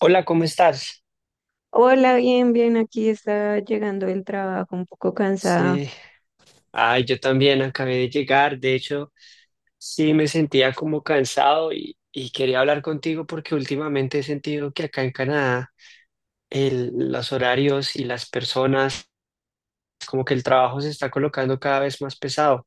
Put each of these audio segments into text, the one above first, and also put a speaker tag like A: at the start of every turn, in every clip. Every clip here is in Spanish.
A: Hola, ¿cómo estás?
B: Hola, bien, bien, aquí está llegando el trabajo un poco cansada.
A: Sí, ay, yo también acabé de llegar. De hecho, sí me sentía como cansado y quería hablar contigo porque últimamente he sentido que acá en Canadá los horarios y las personas, como que el trabajo se está colocando cada vez más pesado.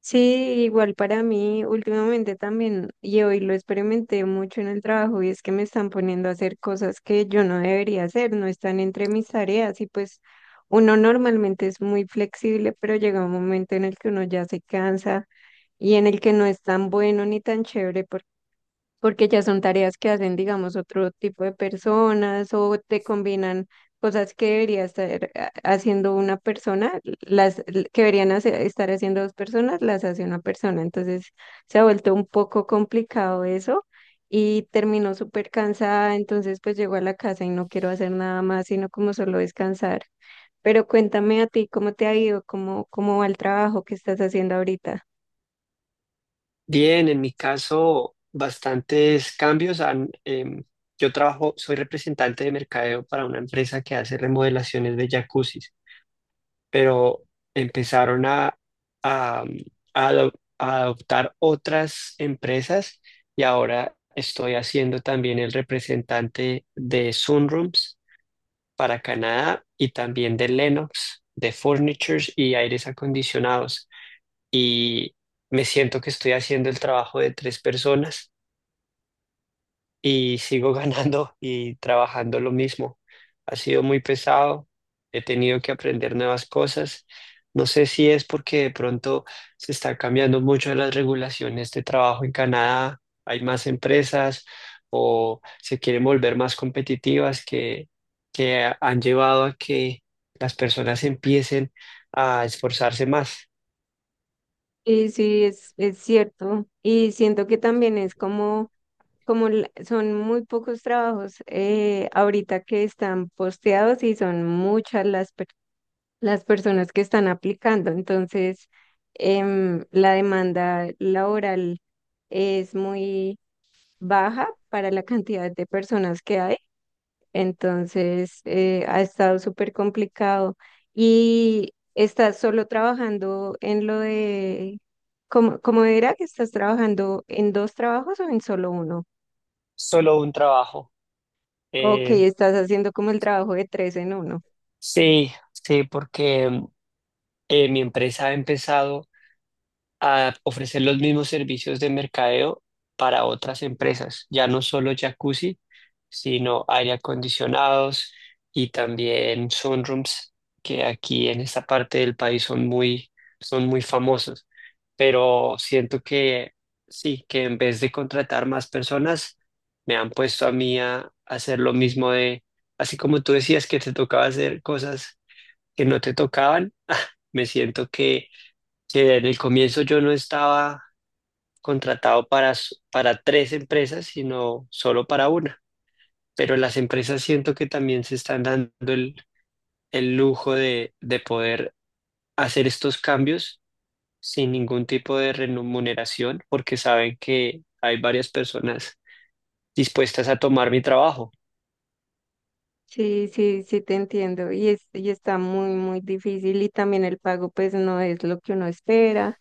B: Sí, igual para mí, últimamente también, y hoy lo experimenté mucho en el trabajo, y es que me están poniendo a hacer cosas que yo no debería hacer, no están entre mis tareas, y pues uno normalmente es muy flexible, pero llega un momento en el que uno ya se cansa y en el que no es tan bueno ni tan chévere porque ya son tareas que hacen, digamos, otro tipo de personas o te combinan cosas que debería estar haciendo una persona, las que deberían estar haciendo dos personas, las hace una persona. Entonces se ha vuelto un poco complicado eso y terminó súper cansada, entonces pues llego a la casa y no quiero hacer nada más, sino como solo descansar. Pero cuéntame a ti cómo te ha ido, cómo va el trabajo que estás haciendo ahorita.
A: Bien, en mi caso, bastantes cambios han, yo trabajo, soy representante de mercadeo para una empresa que hace remodelaciones de jacuzzis, pero empezaron a, mm, a ado- a adoptar otras empresas y ahora estoy haciendo también el representante de Sunrooms para Canadá y también de Lennox, de Furnitures y aires acondicionados. Y me siento que estoy haciendo el trabajo de tres personas y sigo ganando y trabajando lo mismo. Ha sido muy pesado, he tenido que aprender nuevas cosas. No sé si es porque de pronto se están cambiando mucho las regulaciones de trabajo en Canadá, hay más empresas o se quieren volver más competitivas que han llevado a que las personas empiecen a esforzarse más.
B: Y sí, es cierto. Y siento que también es como son muy pocos trabajos ahorita que están posteados y son muchas las personas que están aplicando, entonces la demanda laboral es muy baja para la cantidad de personas que hay, entonces ha estado súper complicado y estás solo trabajando en lo de, ¿cómo era que estás trabajando en dos trabajos o en solo uno?
A: Solo un trabajo.
B: Ok,
A: Eh,
B: estás haciendo como el trabajo de tres en uno.
A: sí, sí, porque mi empresa ha empezado a ofrecer los mismos servicios de mercadeo para otras empresas, ya no solo jacuzzi, sino aire acondicionados y también sunrooms, que aquí en esta parte del país son muy famosos. Pero siento que sí, que en vez de contratar más personas, me han puesto a mí a hacer lo mismo de, así como tú decías que te tocaba hacer cosas que no te tocaban, me siento que sí, en el comienzo yo no estaba contratado para tres empresas, sino solo para una. Pero las empresas siento que también se están dando el lujo de poder hacer estos cambios sin ningún tipo de remuneración, porque saben que hay varias personas dispuestas a tomar mi trabajo.
B: Sí, sí, sí te entiendo. Y está muy, muy difícil. Y también el pago, pues, no es lo que uno espera.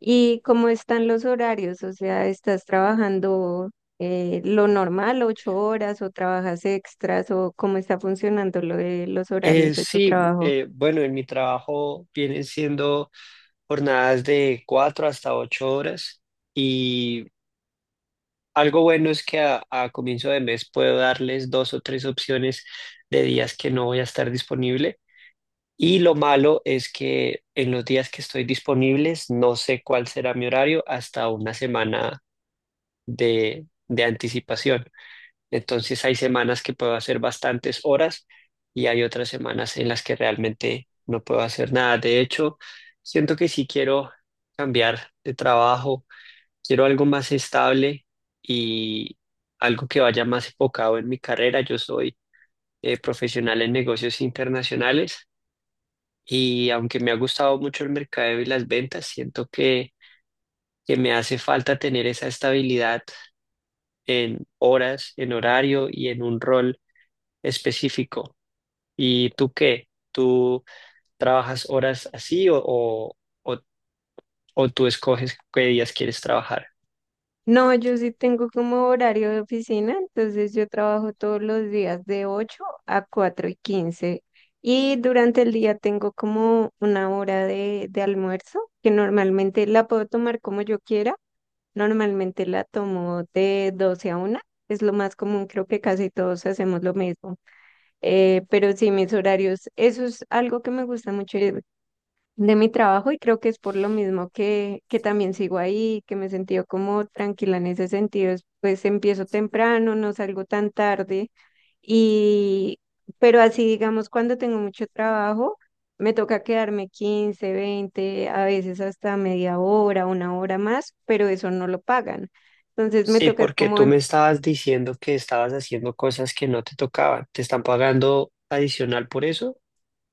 B: ¿Y cómo están los horarios? O sea, ¿estás trabajando lo normal, 8 horas, o trabajas extras, o cómo está funcionando lo de los horarios de tu
A: Sí,
B: trabajo?
A: bueno, en mi trabajo vienen siendo jornadas de cuatro hasta ocho horas. Y Algo bueno es que a comienzo de mes puedo darles dos o tres opciones de días que no voy a estar disponible. Y lo malo es que en los días que estoy disponibles no sé cuál será mi horario hasta una semana de anticipación. Entonces hay semanas que puedo hacer bastantes horas y hay otras semanas en las que realmente no puedo hacer nada. De hecho, siento que sí quiero cambiar de trabajo. Quiero algo más estable y algo que vaya más enfocado en mi carrera. Yo soy profesional en negocios internacionales, y aunque me ha gustado mucho el mercadeo y las ventas, siento que me hace falta tener esa estabilidad en horas, en horario y en un rol específico. ¿Y tú qué? ¿Tú trabajas horas así o, o tú escoges qué días quieres trabajar?
B: No, yo sí tengo como horario de oficina, entonces yo trabajo todos los días de 8 a 4:15, y durante el día tengo como una hora de almuerzo que normalmente la puedo tomar como yo quiera, normalmente la tomo de 12 a 1, es lo más común, creo que casi todos hacemos lo mismo, pero sí mis horarios, eso es algo que me gusta mucho, de mi trabajo y creo que es por lo mismo que también sigo ahí, que me he sentido como tranquila en ese sentido. Pues empiezo temprano, no salgo tan tarde y, pero así digamos, cuando tengo mucho trabajo, me toca quedarme 15, 20 a veces, hasta media hora, una hora más, pero eso no lo pagan. Entonces me
A: Sí,
B: toca es
A: porque
B: como.
A: tú me estabas diciendo que estabas haciendo cosas que no te tocaban. ¿Te están pagando adicional por eso?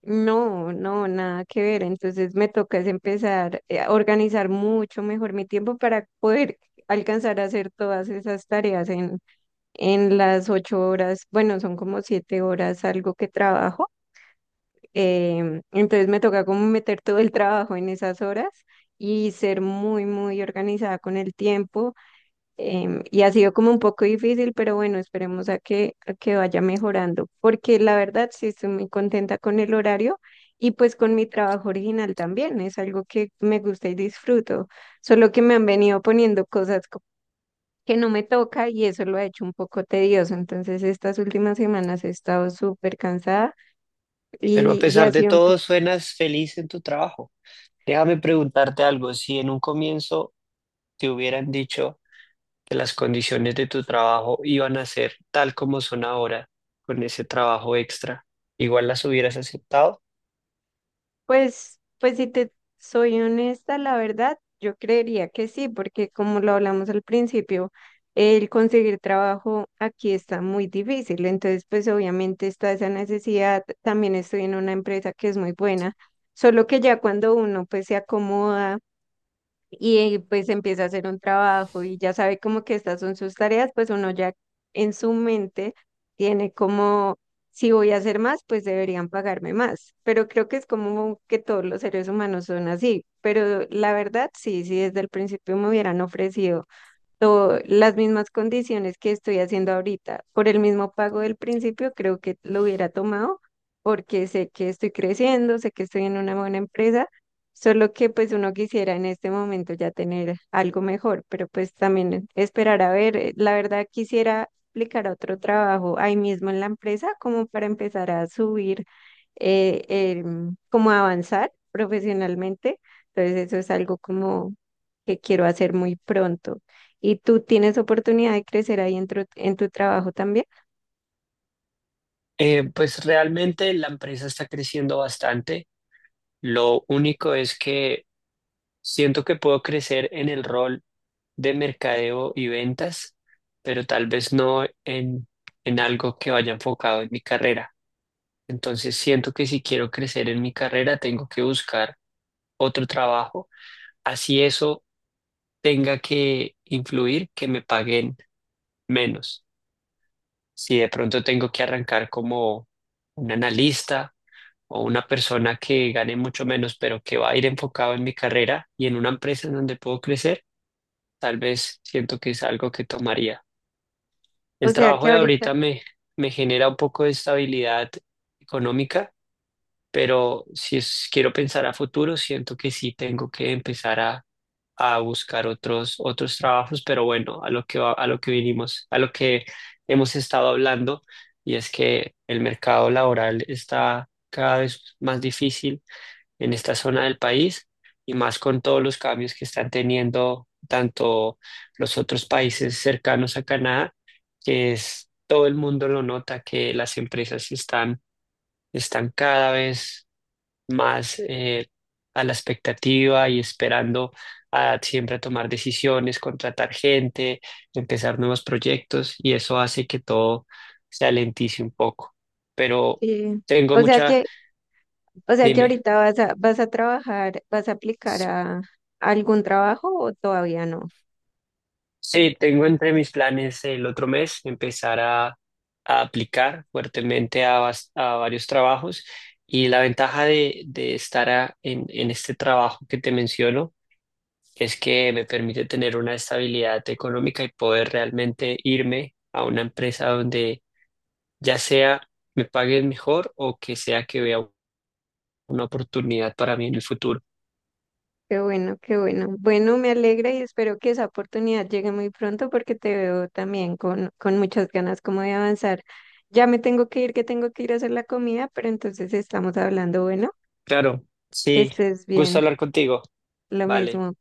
B: No, no, nada que ver. Entonces me toca es empezar a organizar mucho mejor mi tiempo para poder alcanzar a hacer todas esas tareas en las 8 horas. Bueno, son como 7 horas algo que trabajo. Entonces me toca como meter todo el trabajo en esas horas y ser muy, muy organizada con el tiempo, y ha sido como un poco difícil, pero bueno, esperemos a que vaya mejorando, porque la verdad sí estoy muy contenta con el horario y pues con mi trabajo original también, es algo que me gusta y disfruto, solo que me han venido poniendo cosas que no me toca y eso lo ha hecho un poco tedioso, entonces estas últimas semanas he estado súper cansada
A: Pero a
B: y ha
A: pesar de
B: sido un
A: todo
B: poco.
A: suenas feliz en tu trabajo. Déjame preguntarte algo. Si en un comienzo te hubieran dicho que las condiciones de tu trabajo iban a ser tal como son ahora, con ese trabajo extra, ¿igual las hubieras aceptado?
B: Pues si te soy honesta, la verdad, yo creería que sí, porque como lo hablamos al principio, el conseguir trabajo aquí está muy difícil. Entonces, pues obviamente está esa necesidad. También estoy en una empresa que es muy buena, solo que ya cuando uno pues se acomoda y pues empieza a hacer un trabajo y ya sabe como que estas son sus tareas, pues uno ya en su mente tiene como, si voy a hacer más, pues deberían pagarme más. Pero creo que es como que todos los seres humanos son así. Pero la verdad, sí, sí, desde el principio me hubieran ofrecido las mismas condiciones que estoy haciendo ahorita. Por el mismo pago del principio, creo que lo hubiera tomado porque sé que estoy creciendo, sé que estoy en una buena empresa, solo que pues uno quisiera en este momento ya tener algo mejor, pero pues también esperar a ver, la verdad quisiera aplicar a otro trabajo ahí mismo en la empresa como para empezar a subir, como a avanzar profesionalmente. Entonces eso es algo como que quiero hacer muy pronto. Y tú tienes oportunidad de crecer ahí en tu trabajo también.
A: Pues realmente la empresa está creciendo bastante. Lo único es que siento que puedo crecer en el rol de mercadeo y ventas, pero tal vez no en algo que vaya enfocado en mi carrera. Entonces siento que si quiero crecer en mi carrera, tengo que buscar otro trabajo, así eso tenga que influir que me paguen menos. Si de pronto tengo que arrancar como un analista o una persona que gane mucho menos, pero que va a ir enfocado en mi carrera y en una empresa en donde puedo crecer, tal vez siento que es algo que tomaría. El
B: O sea
A: trabajo
B: que
A: de
B: ahorita,
A: ahorita me, me genera un poco de estabilidad económica, pero si quiero pensar a futuro, siento que sí tengo que empezar a buscar otros, otros trabajos, pero bueno, a lo a lo que vinimos, a lo que hemos estado hablando, y es que el mercado laboral está cada vez más difícil en esta zona del país, y más con todos los cambios que están teniendo tanto los otros países cercanos a Canadá, que es, todo el mundo lo nota, que las empresas están, están cada vez más a la expectativa y esperando a siempre a tomar decisiones, contratar gente, empezar nuevos proyectos, y eso hace que todo se alentice un poco. Pero
B: eh,
A: tengo
B: o sea
A: mucha,
B: que, o sea que
A: dime.
B: ahorita vas a trabajar, vas a aplicar a algún trabajo o todavía no.
A: Sí, tengo entre mis planes el otro mes empezar a aplicar fuertemente a varios trabajos, y la ventaja de estar en este trabajo que te menciono es que me permite tener una estabilidad económica y poder realmente irme a una empresa donde ya sea me paguen mejor o que sea que vea una oportunidad para mí en el futuro.
B: Qué bueno, qué bueno. Bueno, me alegra y espero que esa oportunidad llegue muy pronto porque te veo también con muchas ganas como de avanzar. Ya me tengo que ir, que tengo que ir a hacer la comida, pero entonces estamos hablando, bueno,
A: Claro,
B: que
A: sí,
B: estés
A: gusto
B: bien,
A: hablar contigo.
B: lo
A: Vale.
B: mismo.